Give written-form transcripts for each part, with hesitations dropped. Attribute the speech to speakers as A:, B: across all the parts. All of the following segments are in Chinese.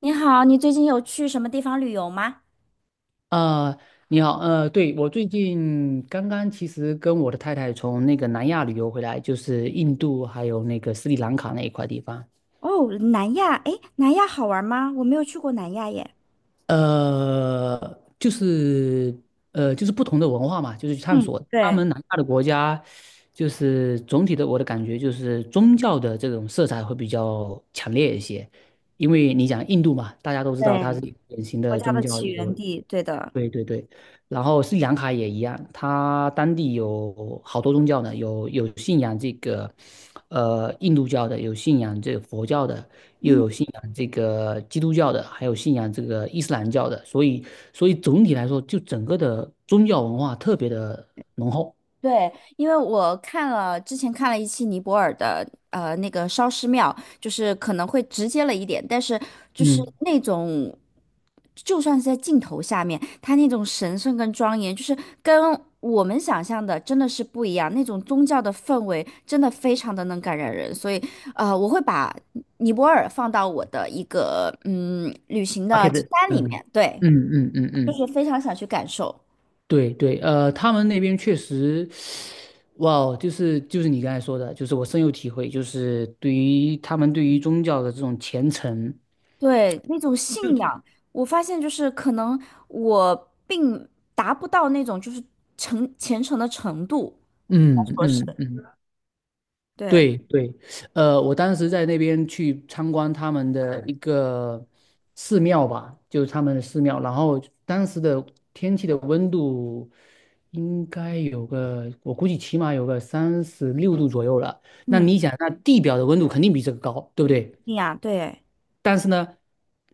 A: 你好，你最近有去什么地方旅游吗？
B: 呃，你好，对，我最近刚刚其实跟我的太太从那个南亚旅游回来，就是印度还有那个斯里兰卡那一块地方，
A: 哦，南亚，哎，南亚好玩吗？我没有去过南亚耶。
B: 就是不同的文化嘛，就是去探
A: 嗯，
B: 索他
A: 对
B: 们南亚的国家，就是总体的我的感觉就是宗教的这种色彩会比较强烈一些，因为你讲印度嘛，大家都知道它是
A: 对，
B: 一个典型
A: 国
B: 的
A: 家
B: 宗
A: 的
B: 教
A: 起
B: 一
A: 源
B: 个。
A: 地，对的。
B: 对对对，然后斯里兰卡也一样，它当地有好多宗教呢，有信仰这个，印度教的，有信仰这个佛教的，又
A: 嗯。
B: 有信仰这个基督教的，还有信仰这个伊斯兰教的，所以总体来说，就整个的宗教文化特别的浓厚。
A: 对，因为我看了之前看了一期尼泊尔的那个烧尸庙，就是可能会直接了一点，但是就是
B: 嗯，
A: 那种，就算是在镜头下面，它那种神圣跟庄严，就是跟我们想象的真的是不一样，那种宗教的氛围真的非常的能感染人，所以我会把尼泊尔放到我的一个旅行
B: 巴
A: 的
B: 克的，
A: 清单里
B: 嗯
A: 面，对，
B: 嗯嗯嗯
A: 就
B: 嗯。
A: 是非常想去感受。
B: 对对，他们那边确实，哇哦，就是你刚才说的，就是我深有体会，就是对于他们对于宗教的这种虔诚，
A: 对，那种信仰，我发现就是可能我并达不到那种就是虔诚的程度，
B: 嗯
A: 说是
B: 嗯嗯，
A: 对，
B: 对对，我当时在那边去参观他们的一个寺庙吧，就是他们的寺庙，然后当时的天气的温度应该有个，我估计起码有个36度左右了。那
A: 嗯，
B: 你想，那地表的温度肯定比这个高，对不对？
A: 信仰，对
B: 但是呢，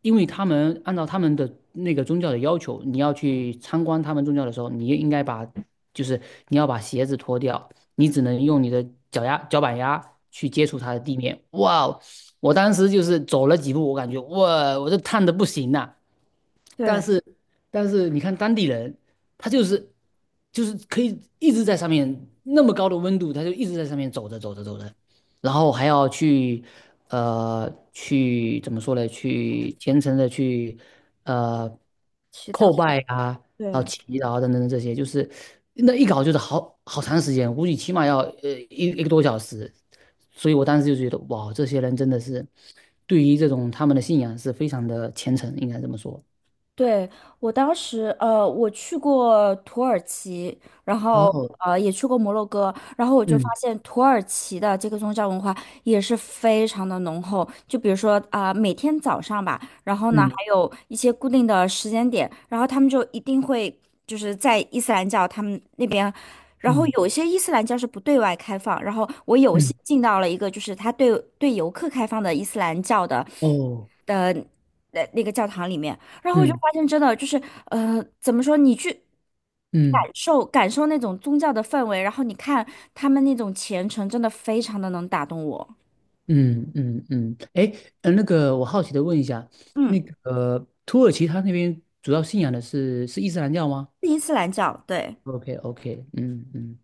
B: 因为他们按照他们的那个宗教的要求，你要去参观他们宗教的时候，你应该把，就是你要把鞋子脱掉，你只能用你的脚丫、脚板丫去接触它的地面。哇哦，我当时就是走了几步，我感觉哇，我这烫的不行呐。但
A: 对，
B: 是，你看当地人，他就是可以一直在上面那么高的温度，他就一直在上面走着走着走着，然后还要去怎么说呢？去虔诚的去呃
A: 祈祷，
B: 叩拜啊，然后
A: 对，
B: 祈祷啊等等等这些，就是那一搞就是好长时间，估计起码要一个多小时。所以我当时就觉得，哇，这些人真的是对于这种他们的信仰是非常的虔诚，应该这么说。
A: 对，我当时，我去过土耳其，然后
B: 哦，
A: 也去过摩洛哥，然后我就发
B: 嗯
A: 现土耳其的这个宗教文化也是非常的浓厚。就比如说啊，每天早上吧，然后呢
B: 嗯
A: 还有一些固定的时间点，然后他们就一定会就是在伊斯兰教他们那边，然后
B: 嗯
A: 有些伊斯兰教是不对外开放，然后我有
B: 嗯，
A: 幸进到了一个就是他对游客开放的伊斯兰教的
B: 哦，
A: 的那个教堂里面。然后我就
B: 嗯
A: 发现真的就是，怎么说？你去
B: 嗯。
A: 感受感受那种宗教的氛围，然后你看他们那种虔诚，真的非常的能打动我。
B: 嗯嗯嗯，哎，那个我好奇的问一下，
A: 嗯，
B: 那个土耳其他那边主要信仰的是伊斯兰教吗
A: 是伊斯兰教，对。
B: ？OK OK，嗯嗯，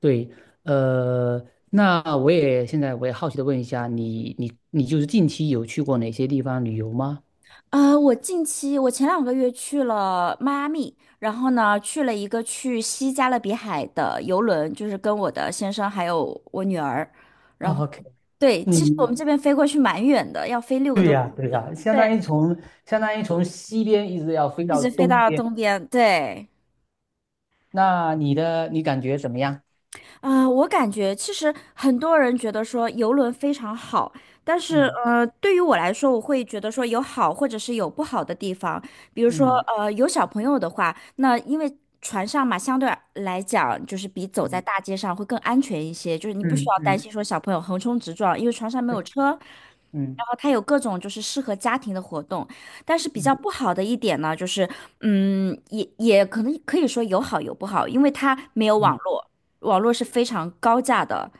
B: 对，呃，那我也现在我也好奇的问一下，你就是近期有去过哪些地方旅游吗？
A: 呃，我近期我前2个月去了迈阿密，然后呢去了一个去西加勒比海的游轮，就是跟我的先生还有我女儿，然后
B: OK，
A: 对，其实我们
B: 嗯，
A: 这边飞过去蛮远的，要飞六个
B: 对
A: 多
B: 呀，
A: 小
B: 对呀，
A: 时，对，
B: 相当于从西边一直要飞
A: 一
B: 到
A: 直飞
B: 东
A: 到
B: 边，
A: 东边，对。
B: 那你感觉怎么样？
A: 啊，我感觉其实很多人觉得说游轮非常好，但是
B: 嗯
A: 对于我来说，我会觉得说有好或者是有不好的地方。比如说
B: 嗯
A: 有小朋友的话，那因为船上嘛，相对来讲就是比走在
B: 嗯
A: 大街上会更安全一些，就是你不需
B: 嗯
A: 要
B: 嗯
A: 担
B: 嗯
A: 心说小朋友横冲直撞，因为船上没有车。然
B: 嗯
A: 后它有各种就是适合家庭的活动，但是比
B: 嗯
A: 较不好的一点呢，就是也可能可以说有好有不好，因为它没有网
B: 嗯。
A: 络。网络是非常高价的，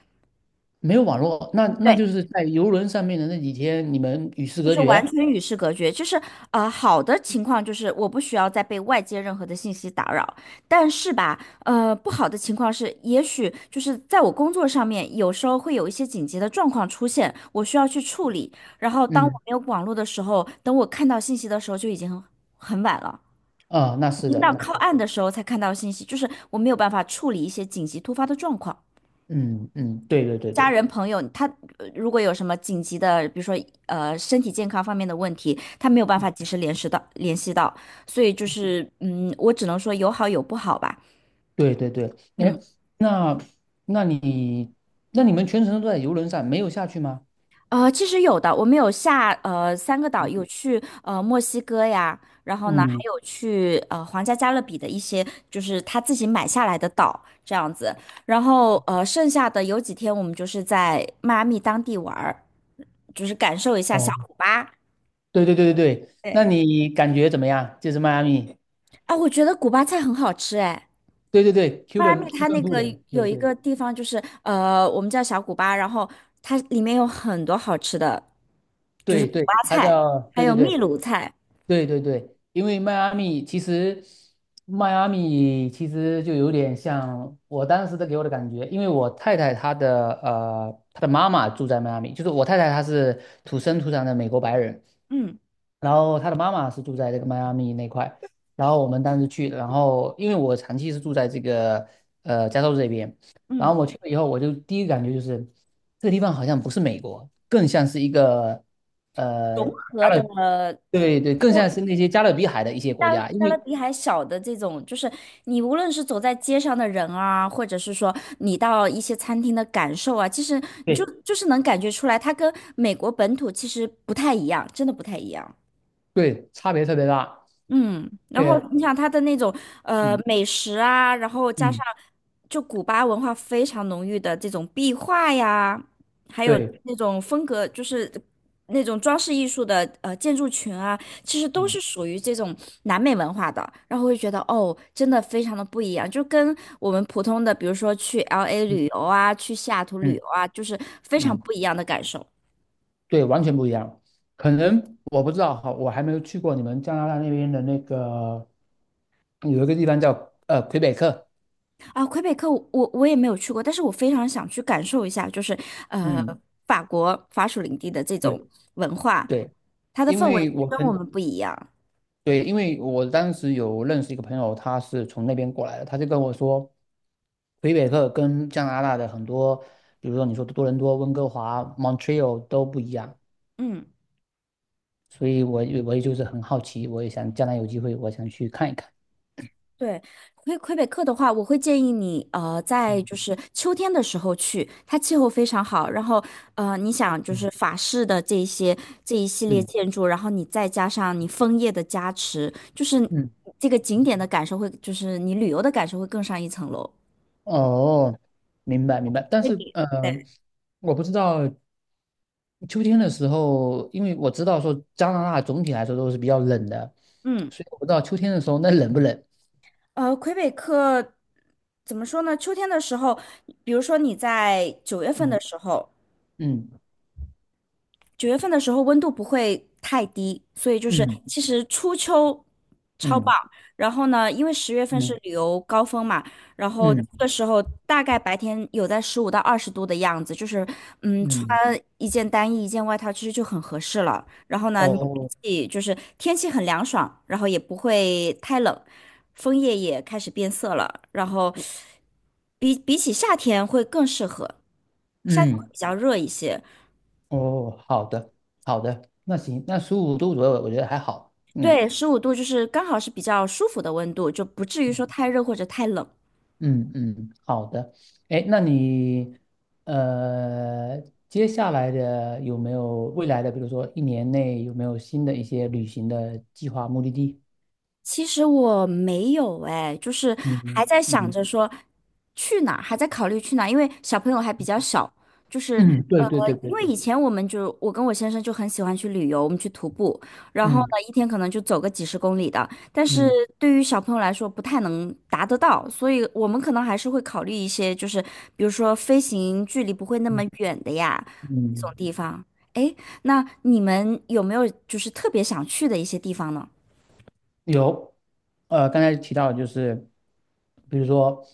B: 没有网络，那
A: 对，
B: 就是在游轮上面的那几天，你们与世
A: 就
B: 隔
A: 是完
B: 绝。
A: 全与世隔绝。就是好的情况就是我不需要再被外界任何的信息打扰，但是吧，不好的情况是，也许就是在我工作上面，有时候会有一些紧急的状况出现，我需要去处理。然后当我
B: 嗯，
A: 没有网络的时候，等我看到信息的时候，就已经很晚了，
B: 啊，那
A: 已
B: 是
A: 经
B: 的，
A: 到
B: 那是
A: 靠
B: 的
A: 岸的时候才看到信息，就是我没有办法处理一些紧急突发的状况。
B: 嗯嗯，对对对
A: 家
B: 对
A: 人朋友，他如果有什么紧急的，比如说身体健康方面的问题，他没有办法及时联系到，所以就是嗯，我只能说有好有不好吧。
B: 对对对。哎，
A: 嗯，
B: 那那你那你们全程都在游轮上，没有下去吗？
A: 其实有的，我们有下三个岛，有去墨西哥呀，然后呢还
B: 嗯，
A: 有去皇家加勒比的一些，就是他自己买下来的岛这样子，然后剩下的有几天我们就是在迈阿密当地玩儿，就是感受一下小
B: 哦，
A: 古巴。
B: 对对对对对，那
A: 对。
B: 你感觉怎么样？就是迈阿密，
A: 啊，我觉得古巴菜很好吃哎。
B: 对对对
A: 迈阿密
B: ，Cuban
A: 它
B: Cuban
A: 那个
B: food，
A: 有一
B: 对
A: 个地方就是我们叫小古巴，然后它里面有很多好吃的，就是
B: 对
A: 古
B: 对
A: 巴
B: 对，它
A: 菜，
B: 叫
A: 还
B: 对
A: 有
B: 对
A: 秘
B: 对
A: 鲁菜，
B: 对对对，因为迈阿密其实，就有点像我当时的给我的感觉，因为我太太她的妈妈住在迈阿密，就是我太太她是土生土长的美国白人，
A: 嗯
B: 然后她的妈妈是住在这个迈阿密那块，然后我们当时去，然后因为我长期是住在这个加州这边，然
A: 嗯，
B: 后我去了以后，我就第一个感觉就是这个地方好像不是美国，更像是一个呃。
A: 融合
B: 加
A: 的，
B: 勒。对对，
A: 如
B: 更像
A: 果
B: 是那些加勒比海的一些国家，因
A: 加勒
B: 为
A: 比海小的这种，就是你无论是走在街上的人啊，或者是说你到一些餐厅的感受啊，其实你就
B: 对
A: 就是能感觉出来，它跟美国本土其实不太一样，真的不太一样。
B: 对，差别特别大。
A: 嗯，然后
B: 对，
A: 你想它的那种
B: 嗯
A: 美食啊，然后加
B: 嗯，
A: 上就古巴文化非常浓郁的这种壁画呀，还有
B: 对，
A: 那种风格，就是那种装饰艺术的建筑群啊，其实都
B: 嗯
A: 是属于这种南美文化的，然后会觉得哦，真的非常的不一样，就跟我们普通的，比如说去 LA
B: 嗯
A: 旅游啊，去西雅图旅
B: 嗯
A: 游啊，就是非常
B: 嗯，
A: 不一样的感受。
B: 对，完全不一样。可能我不知道哈，我还没有去过你们加拿大那边的那个有一个地方叫魁北克。
A: 啊，魁北克我也没有去过，但是我非常想去感受一下，就是呃
B: 嗯，
A: 法国法属领地的这种
B: 对
A: 文化，
B: 对，
A: 它的
B: 因
A: 氛
B: 为
A: 围
B: 我
A: 跟我
B: 很。
A: 们不一样。
B: 对，因为我当时有认识一个朋友，他是从那边过来的，他就跟我说，魁北克跟加拿大的很多，比如说你说多伦多、温哥华、Montreal 都不一样，
A: 嗯，
B: 所以我也就是很好奇，我也想将来有机会，我想去看一看。
A: 对，魁北克的话，我会建议你在就
B: 嗯
A: 是秋天的时候去，它气候非常好，然后你想就是
B: 嗯
A: 法式的这一系列
B: 嗯
A: 建筑，然后你再加上你枫叶的加持，就是
B: 嗯，
A: 这个景点的感受会，就是你旅游的感受会更上一层楼。
B: 哦，明白明白，但是我不知道秋天的时候，因为我知道说加拿大总体来说都是比较冷的，
A: 嗯。
B: 所以我不知道秋天的时候那冷不冷。
A: 魁北克怎么说呢？秋天的时候，比如说你在九月份
B: 嗯
A: 的时候，
B: 嗯
A: 九月份的时候温度不会太低，所以就是
B: 嗯。
A: 其实初秋超棒。
B: 嗯
A: 然后呢，因为10月份是
B: 嗯
A: 旅游高峰嘛，然后这
B: 嗯
A: 个时候大概白天有在15到20度的样子，就是穿
B: 嗯，
A: 一件单衣一件外套其实就很合适了。然后呢，你
B: 哦，
A: 自己就是天气很凉爽，然后也不会太冷，枫叶也开始变色了，然后比起夏天会更适合，夏天会
B: 嗯
A: 比较热一些。
B: 哦，好的，好的，那行，那15度左右，我觉得还好。嗯
A: 对，15度就是刚好是比较舒服的温度，就不至于说
B: 嗯
A: 太热或者太冷。
B: 嗯嗯，好的。哎，呃，接下来的有没有未来的，比如说一年内有没有新的一些旅行的计划、目的地？
A: 其实我没有哎，就是还
B: 嗯
A: 在想
B: 嗯
A: 着说去哪儿，还在考虑去哪儿，因为小朋友还比较小，就是
B: 嗯，
A: 呃，
B: 对对对
A: 因
B: 对
A: 为
B: 对，
A: 以前我们就我跟我先生就很喜欢去旅游，我们去徒步，然后呢
B: 嗯
A: 一天可能就走个几十公里的，但是
B: 嗯
A: 对于小朋友来说不太能达得到，所以我们可能还是会考虑一些，就是比如说飞行距离不会那么
B: 嗯
A: 远的呀，这种
B: 嗯。
A: 地方。哎，那你们有没有就是特别想去的一些地方呢？
B: 有，刚才提到就是，比如说，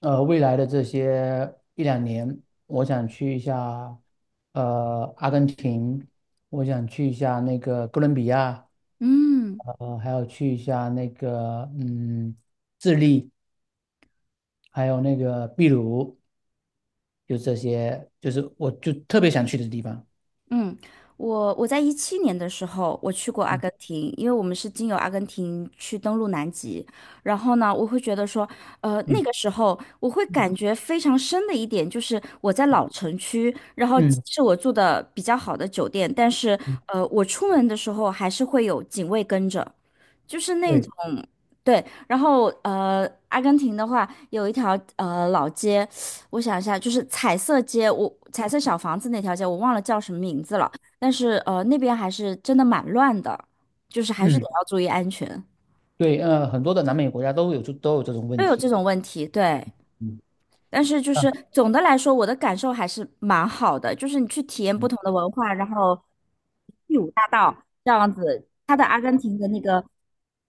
B: 未来的这些一两年，我想去一下，阿根廷，我想去一下那个哥伦比亚，
A: 嗯。
B: 还有去一下那个，智利，还有那个秘鲁，就这些，就是我就特别想去的地方。
A: 嗯，我在17年的时候，我去过阿
B: 嗯
A: 根廷，因为我们是经由阿根廷去登陆南极。然后呢，我会觉得说，那
B: 嗯
A: 个时候我会感觉非常深的一点就是，我在老城区，然后
B: 嗯，
A: 是我住的比较好的酒店，但是
B: 嗯
A: 我出门的时候还是会有警卫跟着，就是那
B: 对，
A: 种。对，然后阿根廷的话有一条老街，我想一下，就是彩色街，我彩色小房子那条街，我忘了叫什么名字了。但是那边还是真的蛮乱的，就是还是得
B: 嗯
A: 要注意安全，
B: 对，很多的南美国家都有都有这种
A: 都
B: 问
A: 有这
B: 题。
A: 种问题。对，
B: 嗯。
A: 但是就
B: 啊
A: 是总的来说，我的感受还是蛮好的，就是你去体验不同的文化，然后第五大道这样子，它的阿根廷的那个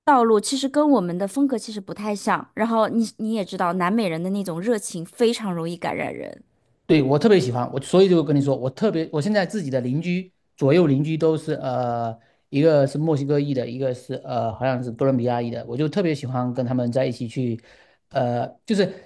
A: 道路其实跟我们的风格其实不太像。然后你也知道，南美人的那种热情非常容易感染人。
B: 对，我特别喜欢，我所以就跟你说，我特别，我现在自己的左右邻居都是一个是墨西哥裔的，一个是好像是哥伦比亚裔的，我就特别喜欢跟他们在一起去，就是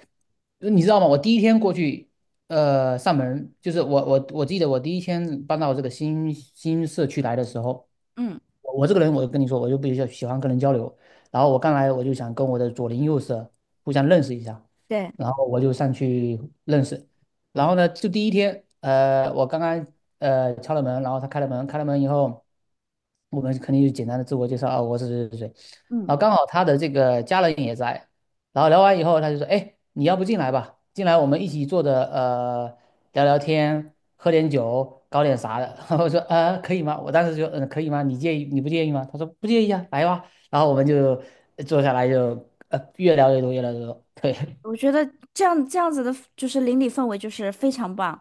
B: 你知道吗？我第一天过去，上门，就是我记得我第一天搬到这个新社区来的时候，
A: 嗯，
B: 我这个人，我就跟你说，我就比较喜欢跟人交流。然后我刚来，我就想跟我的左邻右舍互相认识一下，
A: 对，
B: 然后我就上去认识。然后呢，就第一天，我刚刚敲了门，然后他开了门，开了门以后，我们肯定就简单的自我介绍啊，我是谁谁谁。
A: 嗯。
B: 然后刚好他的这个家人也在，然后聊完以后，他就说，哎，你要不进来吧，进来我们一起坐着聊聊天，喝点酒，搞点啥的。然后我说可以吗？我当时就可以吗？你不介意吗？他说不介意啊，来吧。然后我们就坐下来就越聊越多，越聊越多。对
A: 我觉得这样子的，就是邻里氛围就是非常棒，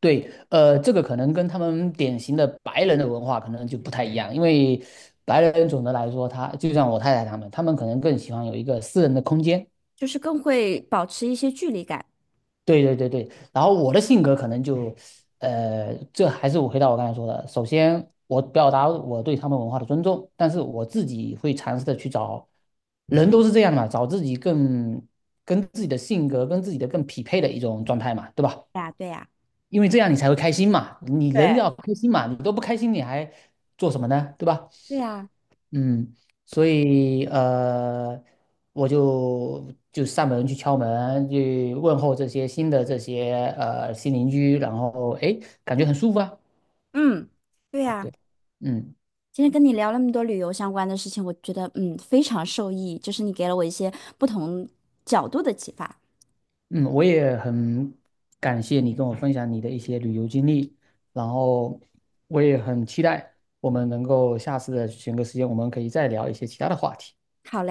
B: 对，这个可能跟他们典型的白人的文化可能就不太一样，因为白人总的来说他，就像我太太他们，他们可能更喜欢有一个私人的空间。
A: 就是更会保持一些距离感。
B: 对对对对，然后我的性格可能就，这还是我回到我刚才说的，首先我表达我对他们文化的尊重，但是我自己会尝试的去找，人都是这样的嘛，找自己更跟自己的性格跟自己的更匹配的一种状态嘛，对吧？
A: 对呀，对呀，
B: 因为这样你才会开心嘛，你
A: 对，
B: 人要开心嘛，你都不开心你还做什么呢？对吧？
A: 对呀，
B: 嗯，所以我就上门去敲门，去问候这些新的新邻居，然后诶，感觉很舒服啊。
A: 嗯，对呀。
B: 对，嗯
A: 今天跟你聊那么多旅游相关的事情，我觉得非常受益，就是你给了我一些不同角度的启发。
B: 嗯，我也很感谢你跟我分享你的一些旅游经历，然后我也很期待我们能够下次的选个时间，我们可以再聊一些其他的话题。
A: 好嘞。